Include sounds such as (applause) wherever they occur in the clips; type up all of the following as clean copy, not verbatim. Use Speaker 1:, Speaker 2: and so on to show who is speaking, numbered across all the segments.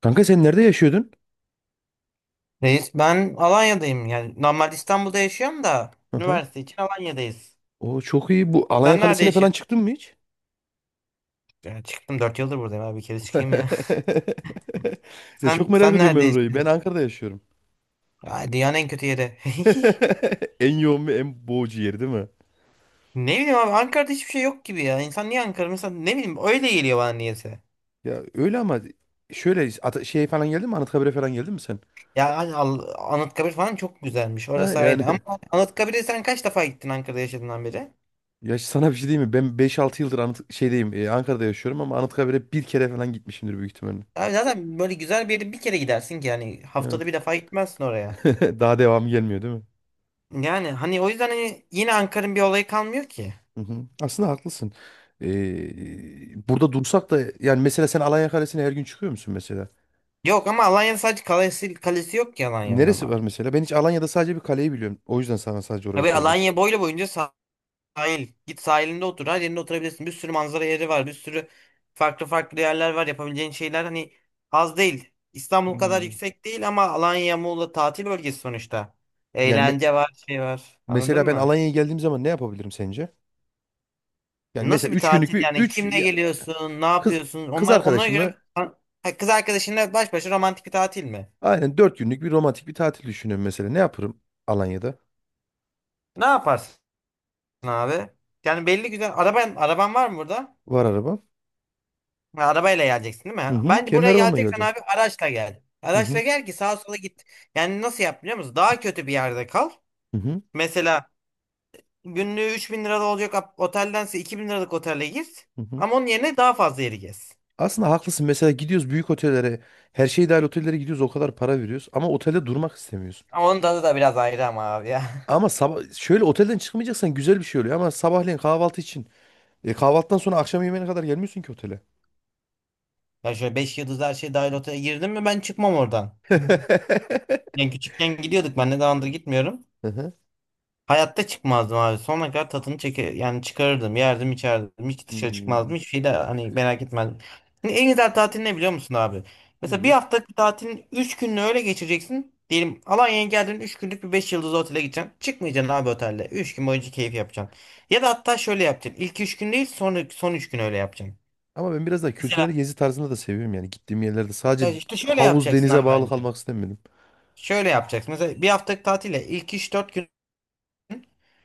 Speaker 1: Kanka sen nerede yaşıyordun?
Speaker 2: Reis ben Alanya'dayım. Yani normal İstanbul'da yaşıyorum da
Speaker 1: Aha.
Speaker 2: üniversite için Alanya'dayız.
Speaker 1: O çok iyi. Bu Alanya
Speaker 2: Sen nerede
Speaker 1: Kalesi'ne falan
Speaker 2: yaşıyorsun?
Speaker 1: çıktın mı hiç?
Speaker 2: Ya çıktım 4 yıldır buradayım abi bir kere çıkayım ya.
Speaker 1: (laughs)
Speaker 2: (laughs)
Speaker 1: Ya çok
Speaker 2: Sen
Speaker 1: merak
Speaker 2: sen
Speaker 1: ediyorum ben
Speaker 2: nerede
Speaker 1: orayı. Ben
Speaker 2: yaşıyorsun?
Speaker 1: Ankara'da yaşıyorum.
Speaker 2: Ay, dünyanın en kötü yeri. (laughs)
Speaker 1: (laughs) En yoğun ve en boğucu yeri değil mi?
Speaker 2: Ne bileyim abi Ankara'da hiçbir şey yok gibi ya. İnsan niye Ankara? Mesela ne bileyim öyle geliyor bana niyeyse.
Speaker 1: Ya öyle ama şöyle şey falan geldi mi? Anıtkabir'e falan geldin mi sen?
Speaker 2: Ya hani Anıtkabir falan çok güzelmiş.
Speaker 1: Ha
Speaker 2: Orası ayrı
Speaker 1: yani
Speaker 2: ama Anıtkabir'e sen kaç defa gittin Ankara'da yaşadığından beri?
Speaker 1: (laughs) ya sana bir şey diyeyim mi? Ben 5-6 yıldır Anıt şeydeyim. Ankara'da yaşıyorum ama Anıtkabir'e bir kere falan gitmişimdir büyük ihtimalle.
Speaker 2: Abi zaten böyle güzel bir yere bir kere gidersin ki yani haftada
Speaker 1: Evet.
Speaker 2: bir defa gitmezsin oraya.
Speaker 1: (laughs) Daha devamı gelmiyor değil mi?
Speaker 2: Yani hani o yüzden hani yine Ankara'nın bir olayı kalmıyor ki.
Speaker 1: Hı hı. Aslında haklısın. Burada dursak da yani mesela sen Alanya Kalesi'ne her gün çıkıyor musun mesela?
Speaker 2: Yok ama Alanya'nın sadece kalesi yok ki Alanya'nın
Speaker 1: Neresi var
Speaker 2: ama.
Speaker 1: mesela? Ben hiç Alanya'da sadece bir kaleyi biliyorum. O yüzden sana sadece orayı
Speaker 2: Abi
Speaker 1: sordum.
Speaker 2: Alanya boylu boyunca sahil. Git sahilinde otur. Her yerinde oturabilirsin. Bir sürü manzara yeri var. Bir sürü farklı farklı yerler var. Yapabileceğin şeyler hani az değil. İstanbul kadar
Speaker 1: Hmm.
Speaker 2: yüksek değil ama Alanya, Muğla tatil bölgesi sonuçta.
Speaker 1: Yani me-
Speaker 2: Eğlence var, şey var. Anladın
Speaker 1: Mesela ben
Speaker 2: mı?
Speaker 1: Alanya'ya geldiğim zaman ne yapabilirim sence? Yani
Speaker 2: Nasıl
Speaker 1: mesela
Speaker 2: bir
Speaker 1: 3 günlük
Speaker 2: tatil
Speaker 1: bir
Speaker 2: yani?
Speaker 1: 3
Speaker 2: Kimle geliyorsun? Ne
Speaker 1: kız
Speaker 2: yapıyorsun?
Speaker 1: kız
Speaker 2: Onlar onlara göre.
Speaker 1: arkadaşımla
Speaker 2: Ha, kız arkadaşınla baş başa romantik bir tatil mi?
Speaker 1: aynen 4 günlük bir romantik bir tatil düşünüyorum mesela. Ne yaparım Alanya'da?
Speaker 2: Ne yaparsın, abi? Yani belli güzel. Araban var mı burada?
Speaker 1: Var arabam.
Speaker 2: Ha, arabayla geleceksin değil
Speaker 1: Hı
Speaker 2: mi?
Speaker 1: hı.
Speaker 2: Bence
Speaker 1: Kendi
Speaker 2: buraya
Speaker 1: arabamla
Speaker 2: geleceksen
Speaker 1: geleceğim.
Speaker 2: abi araçla gel.
Speaker 1: Hı
Speaker 2: Araçla
Speaker 1: hı.
Speaker 2: gel ki sağa sola git. Yani nasıl yap biliyor musun? Daha kötü bir yerde kal.
Speaker 1: Hı hı.
Speaker 2: Mesela günlüğü 3.000 lirada olacak oteldense 2.000 liralık otele git.
Speaker 1: Hı hı.
Speaker 2: Ama onun yerine daha fazla yeri gez.
Speaker 1: Aslında haklısın. Mesela gidiyoruz büyük otellere, her şey dahil otellere gidiyoruz, o kadar para veriyoruz ama otelde durmak istemiyoruz.
Speaker 2: Ama onun tadı da biraz ayrı ama abi ya. (laughs)
Speaker 1: Ama sabah şöyle otelden çıkmayacaksan güzel bir şey oluyor ama sabahleyin kahvaltı için kahvaltıdan sonra akşam yemeğine kadar gelmiyorsun ki otele.
Speaker 2: Ya şöyle 5 yıldız her şey dahil otele girdim mi ben çıkmam oradan. (laughs)
Speaker 1: (laughs)
Speaker 2: Yani küçükken gidiyorduk ben ne zamandır gitmiyorum.
Speaker 1: Hı hı.
Speaker 2: Hayatta çıkmazdım abi. Sonuna kadar tadını çeker yani çıkarırdım, yerdim, içerdim. Hiç dışarı
Speaker 1: Hmm,
Speaker 2: çıkmazdım. Hiçbir şey de hani merak etmezdim. Hani en güzel tatil ne biliyor musun abi? Mesela bir
Speaker 1: nedir?
Speaker 2: haftalık tatilin 3 gününü öyle geçireceksin. Diyelim Alanya'ya geldin 3 günlük bir 5 yıldızlı otele gideceksin. Çıkmayacaksın abi otelde. 3 gün boyunca keyif yapacaksın. Ya da hatta şöyle yapacaksın. İlk 3 gün değil son 3 gün öyle yapacaksın.
Speaker 1: Ama ben biraz daha kültürel
Speaker 2: Mesela
Speaker 1: gezi tarzında da seviyorum yani gittiğim yerlerde
Speaker 2: ya
Speaker 1: sadece
Speaker 2: işte şöyle
Speaker 1: havuz
Speaker 2: yapacaksın abi
Speaker 1: denize bağlı
Speaker 2: bence.
Speaker 1: kalmak istemedim.
Speaker 2: Şöyle yapacaksın. Mesela bir haftalık tatile ilk 3-4 gün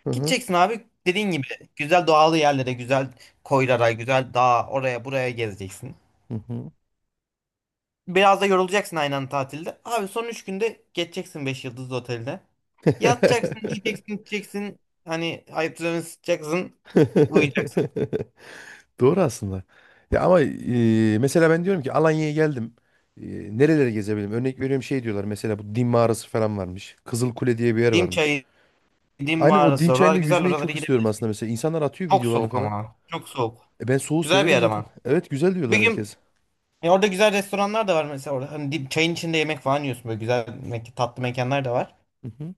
Speaker 1: Hı hı.
Speaker 2: gideceksin abi dediğin gibi güzel doğal yerlere, güzel koylara, güzel dağa, oraya buraya gezeceksin.
Speaker 1: Hı hı.
Speaker 2: Biraz da yorulacaksın aynı anda tatilde. Abi son 3 günde geçeceksin 5 yıldızlı otelde. Yatacaksın, yiyeceksin, içeceksin. Hani ayaklarını sıçacaksın, uyuyacaksın.
Speaker 1: (laughs) Doğru aslında. Ya ama mesela ben diyorum ki Alanya'ya geldim. E, Nereleri gezebilirim? Örnek veriyorum şey diyorlar mesela bu Dim mağarası falan varmış. Kızılkule diye bir yer
Speaker 2: Dim
Speaker 1: varmış.
Speaker 2: çayı, Dim
Speaker 1: Aynen o Dim
Speaker 2: mağarası oralar
Speaker 1: çayında
Speaker 2: güzel
Speaker 1: yüzmeyi
Speaker 2: oralara
Speaker 1: çok istiyorum aslında
Speaker 2: gidebilirsin.
Speaker 1: mesela. İnsanlar atıyor
Speaker 2: Çok
Speaker 1: videolarını
Speaker 2: soğuk
Speaker 1: falan.
Speaker 2: ama çok soğuk.
Speaker 1: Ben soğuğu
Speaker 2: Güzel bir
Speaker 1: severim
Speaker 2: yer
Speaker 1: zaten.
Speaker 2: ama.
Speaker 1: Evet güzel
Speaker 2: Bir
Speaker 1: diyorlar
Speaker 2: gün
Speaker 1: herkes.
Speaker 2: orada güzel restoranlar da var mesela orada. Hani çayın içinde yemek falan yiyorsun böyle güzel tatlı mekanlar da var.
Speaker 1: Hı hı.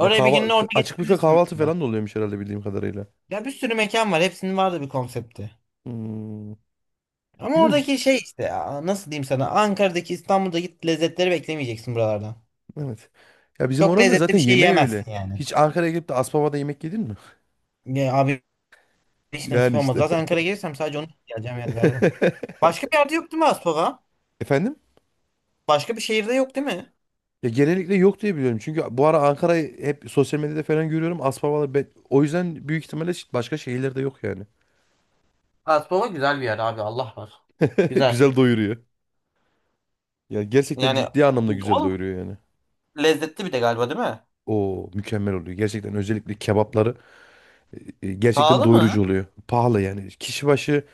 Speaker 1: Ya
Speaker 2: bir gününü orada
Speaker 1: açık büfe
Speaker 2: geçirebilirsin
Speaker 1: kahvaltı
Speaker 2: mesela.
Speaker 1: falan da oluyormuş herhalde bildiğim kadarıyla.
Speaker 2: Ya bir sürü mekan var. Hepsinin vardı bir konsepti.
Speaker 1: Hmm.
Speaker 2: Ama
Speaker 1: Bilmiyorum ki-
Speaker 2: oradaki şey işte ya, nasıl diyeyim sana Ankara'daki İstanbul'daki lezzetleri beklemeyeceksin buralardan.
Speaker 1: Evet. Ya bizim
Speaker 2: Çok
Speaker 1: oranın da
Speaker 2: lezzetli
Speaker 1: zaten
Speaker 2: bir şey
Speaker 1: yemeği öyle.
Speaker 2: yiyemezsin yani.
Speaker 1: Hiç Ankara'ya gelip de Aspava'da yemek yedin mi?
Speaker 2: Ya abi
Speaker 1: (laughs)
Speaker 2: hiç nasip
Speaker 1: Yani
Speaker 2: olmadı.
Speaker 1: işte.
Speaker 2: Zaten Ankara'ya gelirsem sadece onu yiyeceğim yani galiba. Başka bir yerde yok değil mi Aspava?
Speaker 1: (laughs) Efendim?
Speaker 2: Başka bir şehirde yok değil mi?
Speaker 1: Ya genellikle yok diye biliyorum. Çünkü bu ara Ankara'yı hep sosyal medyada falan görüyorum. Aspavalar o yüzden büyük ihtimalle başka şehirlerde yok yani.
Speaker 2: Aspava güzel bir yer abi Allah var.
Speaker 1: (laughs)
Speaker 2: Güzel.
Speaker 1: Güzel doyuruyor. Ya gerçekten
Speaker 2: Yani
Speaker 1: ciddi anlamda güzel
Speaker 2: oğlum
Speaker 1: doyuruyor yani.
Speaker 2: lezzetli bir de galiba değil mi?
Speaker 1: O mükemmel oluyor. Gerçekten özellikle kebapları gerçekten
Speaker 2: Pahalı
Speaker 1: doyurucu
Speaker 2: mı?
Speaker 1: oluyor. Pahalı yani. Kişi başı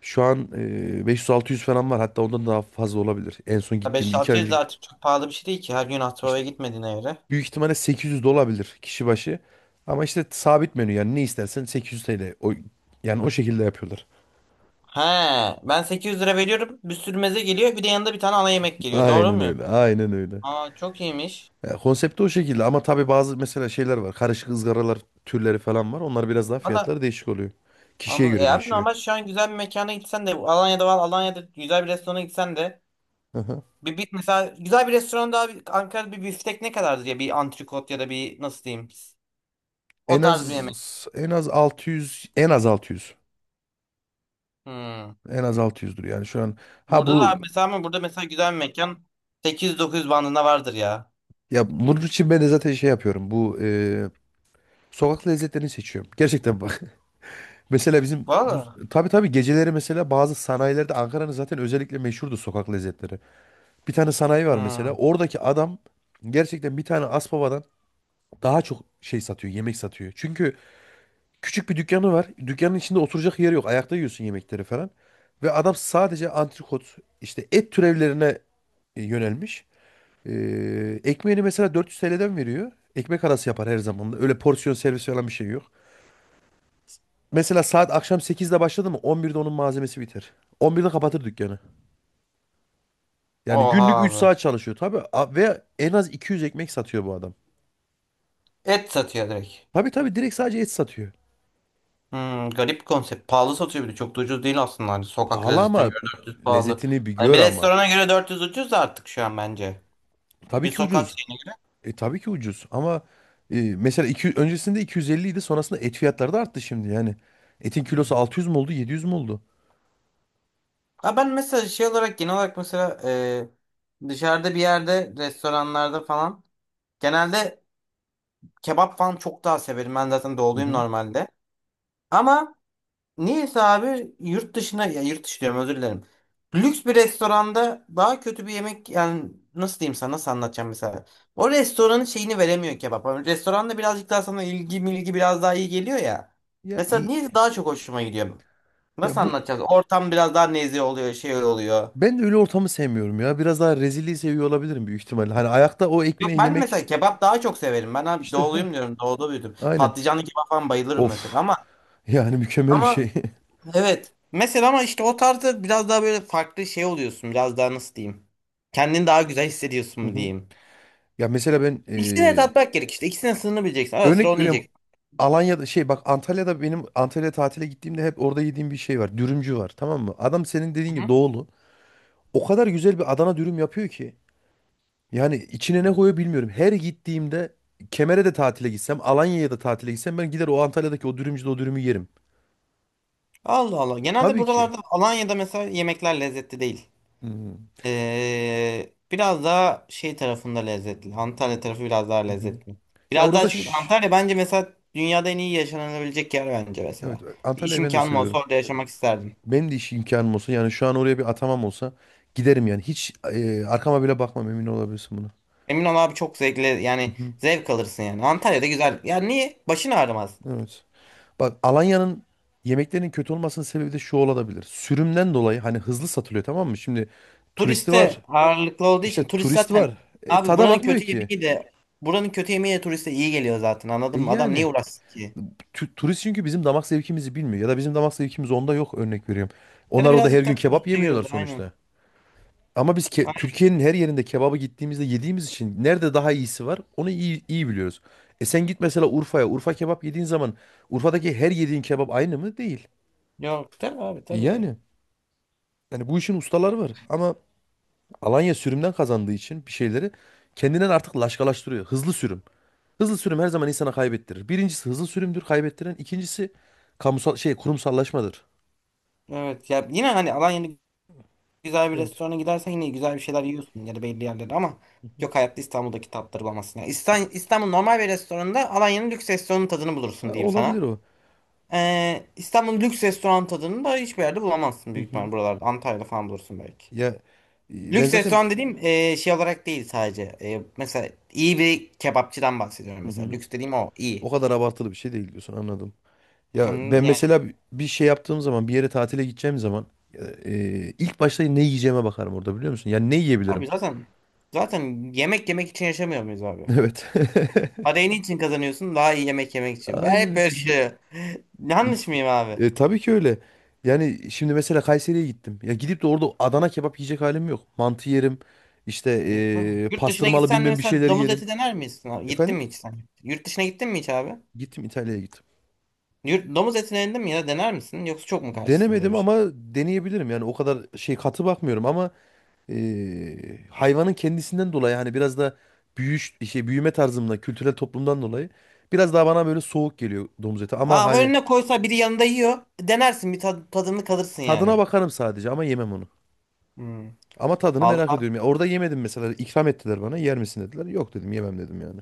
Speaker 1: şu an 500-600 falan var. Hatta ondan daha fazla olabilir. En son gittiğimde 2 ay önce
Speaker 2: 5-6
Speaker 1: gittim.
Speaker 2: artık çok pahalı bir şey değil ki. Her gün
Speaker 1: İşte
Speaker 2: Aspava'ya gitmediğine göre.
Speaker 1: büyük ihtimalle 800 de olabilir kişi başı. Ama işte sabit menü yani ne istersen 800 TL. O, yani o şekilde yapıyorlar.
Speaker 2: He, ben 800 lira veriyorum. Bir sürü meze geliyor. Bir de yanında bir tane ana yemek geliyor. Doğru
Speaker 1: Aynen
Speaker 2: muyum?
Speaker 1: öyle. Aynen öyle.
Speaker 2: Aa, çok iyiymiş.
Speaker 1: Ya, konsepti o şekilde ama tabii bazı mesela şeyler var. Karışık ızgaralar türleri falan var. Onlar biraz daha
Speaker 2: Valla,
Speaker 1: fiyatları değişik oluyor. Kişiye
Speaker 2: anladım.
Speaker 1: göre
Speaker 2: E abi
Speaker 1: değişiyor.
Speaker 2: normal şu an güzel bir mekana gitsen de Alanya'da var. Alanya'da güzel bir restorana gitsen de
Speaker 1: Aha.
Speaker 2: bir mesela güzel bir restoranda abi Ankara'da bir biftek ne kadardır ya bir antrikot ya da bir nasıl diyeyim o
Speaker 1: En
Speaker 2: tarz bir yemek.
Speaker 1: az en az 600, en az 600,
Speaker 2: Hmm.
Speaker 1: en az 600'dür yani şu an. Ha
Speaker 2: Burada da
Speaker 1: bu
Speaker 2: abi mesela ama burada mesela güzel bir mekan 800-900 bandında vardır ya.
Speaker 1: ya bunun için ben de zaten şey yapıyorum. Bu sokak lezzetlerini seçiyorum. Gerçekten bak. (laughs) Mesela bizim
Speaker 2: Valla.
Speaker 1: tabii tabii geceleri mesela bazı sanayilerde Ankara'nın zaten özellikle meşhurdu sokak lezzetleri. Bir tane sanayi var mesela.
Speaker 2: Hmm.
Speaker 1: Oradaki adam gerçekten bir tane Aspava'dan daha çok şey satıyor, yemek satıyor. Çünkü küçük bir dükkanı var. Dükkanın içinde oturacak yer yok. Ayakta yiyorsun yemekleri falan. Ve adam sadece antrikot, işte et türevlerine yönelmiş. Ekmeğini mesela 400 TL'den veriyor. Ekmek arası yapar her zaman. Öyle porsiyon servis falan bir şey yok. Mesela saat akşam 8'de başladı mı 11'de onun malzemesi biter. 11'de kapatır dükkanı. Yani
Speaker 2: Oha
Speaker 1: günlük 3
Speaker 2: abi.
Speaker 1: saat çalışıyor tabii. Ve en az 200 ekmek satıyor bu adam.
Speaker 2: Et satıyor direkt.
Speaker 1: Tabii tabii direkt sadece et satıyor.
Speaker 2: Hmm, garip bir konsept. Pahalı satıyor bir de. Çok da ucuz değil aslında. Hani sokak
Speaker 1: Pahalı
Speaker 2: lezzetine
Speaker 1: ama
Speaker 2: göre 400 pahalı.
Speaker 1: lezzetini bir
Speaker 2: Hani
Speaker 1: gör
Speaker 2: bir
Speaker 1: ama.
Speaker 2: restorana göre 400 ucuz da artık şu an bence.
Speaker 1: Tabii
Speaker 2: Bir
Speaker 1: ki
Speaker 2: sokak
Speaker 1: ucuz.
Speaker 2: şeyine
Speaker 1: Tabii ki ucuz ama mesela öncesinde 250 idi sonrasında et fiyatları da arttı şimdi yani. Etin
Speaker 2: göre.
Speaker 1: kilosu
Speaker 2: Hmm.
Speaker 1: 600 mü oldu 700 mü oldu?
Speaker 2: Ha ben mesela şey olarak genel olarak mesela dışarıda bir yerde restoranlarda falan genelde kebap falan çok daha severim. Ben zaten
Speaker 1: Hı
Speaker 2: doğuluyum
Speaker 1: hı.
Speaker 2: normalde. Ama niyeyse abi yurt dışına ya yurt dışı diyorum özür dilerim. Lüks bir restoranda daha kötü bir yemek yani nasıl diyeyim sana nasıl anlatacağım mesela. O restoranın şeyini veremiyor kebap. Hani restoranda birazcık daha sana ilgi milgi biraz daha iyi geliyor ya.
Speaker 1: Ya
Speaker 2: Mesela
Speaker 1: iyi.
Speaker 2: niyeyse daha çok hoşuma gidiyor.
Speaker 1: Ya
Speaker 2: Nasıl anlatacağız? Ortam biraz daha nezih oluyor şey oluyor.
Speaker 1: ben de öyle ortamı sevmiyorum ya. Biraz daha rezilliği seviyor olabilirim büyük ihtimalle. Hani ayakta o
Speaker 2: Yok
Speaker 1: ekmeği
Speaker 2: ben
Speaker 1: yemek
Speaker 2: mesela kebap daha çok severim. Ben abi
Speaker 1: işte
Speaker 2: doğuluyum diyorum doğuda büyüdüm.
Speaker 1: aynen.
Speaker 2: Patlıcanlı kebap falan bayılırım mesela
Speaker 1: Of
Speaker 2: ama
Speaker 1: yani mükemmel bir
Speaker 2: ama
Speaker 1: şey. (laughs)
Speaker 2: Evet. Mesela ama işte o tarzda biraz daha böyle farklı şey oluyorsun. Biraz daha nasıl diyeyim. Kendini daha güzel hissediyorsun
Speaker 1: Hı
Speaker 2: mu
Speaker 1: hı.
Speaker 2: diyeyim.
Speaker 1: Ya mesela ben
Speaker 2: İkisine de tatmak gerek işte. İkisine sınırını bileceksin. Ara sıra
Speaker 1: örnek
Speaker 2: onu
Speaker 1: veriyorum
Speaker 2: yiyeceksin.
Speaker 1: Alanya'da şey bak Antalya'da benim Antalya tatile gittiğimde hep orada yediğim bir şey var. Dürümcü var tamam mı? Adam senin dediğin gibi
Speaker 2: Hı-hı.
Speaker 1: doğulu. O kadar güzel bir Adana dürüm yapıyor ki. Yani içine ne koyuyor bilmiyorum. Her gittiğimde Kemer'e de tatile gitsem, Alanya'ya da tatile gitsem ben gider o Antalya'daki o dürümcüde o dürümü yerim.
Speaker 2: Allah Allah. Genelde
Speaker 1: Tabii ki.
Speaker 2: buralarda Alanya'da mesela yemekler lezzetli değil.
Speaker 1: Hı hı.
Speaker 2: Biraz daha şey tarafında lezzetli. Antalya tarafı biraz daha
Speaker 1: Hı hı.
Speaker 2: lezzetli.
Speaker 1: Ya
Speaker 2: Biraz
Speaker 1: orada da
Speaker 2: daha çünkü Antalya bence mesela dünyada en iyi yaşanabilecek yer bence
Speaker 1: evet
Speaker 2: mesela. Bir iş
Speaker 1: Antalya'yı ben de
Speaker 2: imkanım olsa
Speaker 1: seviyorum.
Speaker 2: orada yaşamak isterdim.
Speaker 1: Benim de iş imkanım olsa yani şu an oraya bir atamam olsa giderim yani. Hiç arkama bile bakmam emin olabilirsin buna.
Speaker 2: Emin ol abi çok zevkli yani
Speaker 1: Hı hı.
Speaker 2: zevk alırsın yani. Antalya'da güzel. Ya niye? Başın ağrımaz.
Speaker 1: Evet. Bak Alanya'nın yemeklerinin kötü olmasının sebebi de şu olabilir. Sürümden dolayı hani hızlı satılıyor tamam mı? Şimdi turisti var.
Speaker 2: Turiste ağırlıklı olduğu için
Speaker 1: İşte
Speaker 2: turist
Speaker 1: turist
Speaker 2: zaten
Speaker 1: var.
Speaker 2: abi
Speaker 1: Tada
Speaker 2: buranın
Speaker 1: bakmıyor
Speaker 2: kötü
Speaker 1: ki.
Speaker 2: yemeği de buranın kötü yemeği de turiste iyi geliyor zaten anladın mı? Adam niye
Speaker 1: Yani
Speaker 2: uğraşsın ki?
Speaker 1: turist çünkü bizim damak zevkimizi bilmiyor. Ya da bizim damak zevkimiz onda yok örnek veriyorum.
Speaker 2: Ya da
Speaker 1: Onlar orada her
Speaker 2: birazcık
Speaker 1: gün
Speaker 2: daha
Speaker 1: kebap
Speaker 2: turiste göre
Speaker 1: yemiyorlar
Speaker 2: de aynen.
Speaker 1: sonuçta. Ama biz
Speaker 2: Aynen.
Speaker 1: Türkiye'nin her yerinde kebabı gittiğimizde yediğimiz için nerede daha iyisi var onu iyi, iyi biliyoruz. Sen git mesela Urfa'ya. Urfa kebap yediğin zaman Urfa'daki her yediğin kebap aynı mı? Değil.
Speaker 2: Yok tabii abi tabii.
Speaker 1: Yani. Yani bu işin ustaları var. Ama Alanya sürümden kazandığı için bir şeyleri kendinden artık laşkalaştırıyor. Hızlı sürüm. Hızlı sürüm her zaman insana kaybettirir. Birincisi hızlı sürümdür kaybettiren. İkincisi kamusal şey kurumsallaşmadır.
Speaker 2: Evet ya yine hani Alanya'da güzel bir
Speaker 1: Evet.
Speaker 2: restorana gidersen yine güzel bir şeyler yiyorsun ya da belli yerlerde ama
Speaker 1: Hı hı.
Speaker 2: yok hayatta İstanbul'daki tatları bulamazsın. Yani İstanbul normal bir restoranda Alanya'nın lüks restoranın tadını
Speaker 1: Ha,
Speaker 2: bulursun diyeyim sana.
Speaker 1: olabilir o.
Speaker 2: İstanbul lüks restoran tadını da hiçbir yerde bulamazsın
Speaker 1: Hı
Speaker 2: büyük
Speaker 1: hı.
Speaker 2: ihtimal buralarda. Antalya'da falan bulursun belki.
Speaker 1: Ya ben
Speaker 2: Lüks
Speaker 1: zaten.
Speaker 2: restoran dediğim şey olarak değil sadece. Mesela iyi bir kebapçıdan bahsediyorum
Speaker 1: Hı
Speaker 2: mesela.
Speaker 1: hı.
Speaker 2: Lüks dediğim o iyi.
Speaker 1: O kadar abartılı bir şey değil diyorsun anladım. Ya
Speaker 2: Anladın?
Speaker 1: ben
Speaker 2: Yani
Speaker 1: mesela bir şey yaptığım zaman bir yere tatile gideceğim zaman ilk başta ne yiyeceğime bakarım orada biliyor musun? Yani ne yiyebilirim?
Speaker 2: abi zaten yemek yemek için yaşamıyor muyuz abi?
Speaker 1: (laughs) Evet.
Speaker 2: Parayı niçin kazanıyorsun? Daha iyi yemek yemek
Speaker 1: (laughs)
Speaker 2: için. Ben hep
Speaker 1: Aynen.
Speaker 2: böyle düşünüyorum. (laughs) Yanlış mıyım abi?
Speaker 1: Tabii ki öyle. Yani şimdi mesela Kayseri'ye gittim. Ya gidip de orada Adana kebap yiyecek halim yok. Mantı yerim. İşte
Speaker 2: E, tamam. Yurt dışına
Speaker 1: pastırmalı
Speaker 2: gitsen de
Speaker 1: bilmem bir
Speaker 2: mesela
Speaker 1: şeyler
Speaker 2: domuz
Speaker 1: yerim.
Speaker 2: eti dener misin, abi? Gittin
Speaker 1: Efendim?
Speaker 2: mi hiç sen? Yurt dışına gittin mi hiç abi?
Speaker 1: Gittim İtalya'ya gittim.
Speaker 2: Domuz etine indin mi ya dener misin? Yoksa çok mu karşısın böyle
Speaker 1: Denemedim
Speaker 2: bir şey?
Speaker 1: ama deneyebilirim. Yani o kadar şey katı bakmıyorum ama hayvanın kendisinden dolayı hani biraz da büyüş şey büyüme tarzımdan, kültürel toplumdan dolayı biraz daha bana böyle soğuk geliyor domuz eti ama
Speaker 2: Aa
Speaker 1: hani
Speaker 2: önüne koysa biri yanında yiyor. Denersin bir tadını kalırsın
Speaker 1: tadına
Speaker 2: yani.
Speaker 1: bakarım sadece ama yemem onu.
Speaker 2: Hmm.
Speaker 1: Ama tadını merak
Speaker 2: Vallahi,
Speaker 1: ediyorum. Ya orada yemedim mesela. İkram ettiler bana. Yer misin dediler. Yok dedim yemem dedim yani.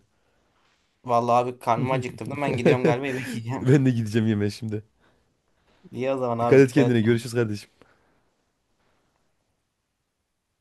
Speaker 2: vallahi, abi karnımı acıktırdım. Ben gidiyorum galiba yemek
Speaker 1: (laughs)
Speaker 2: yiyeceğim.
Speaker 1: Ben de gideceğim yemeğe şimdi.
Speaker 2: (laughs) İyi o zaman
Speaker 1: Dikkat
Speaker 2: abi
Speaker 1: et
Speaker 2: dikkat
Speaker 1: kendine.
Speaker 2: et.
Speaker 1: Görüşürüz kardeşim.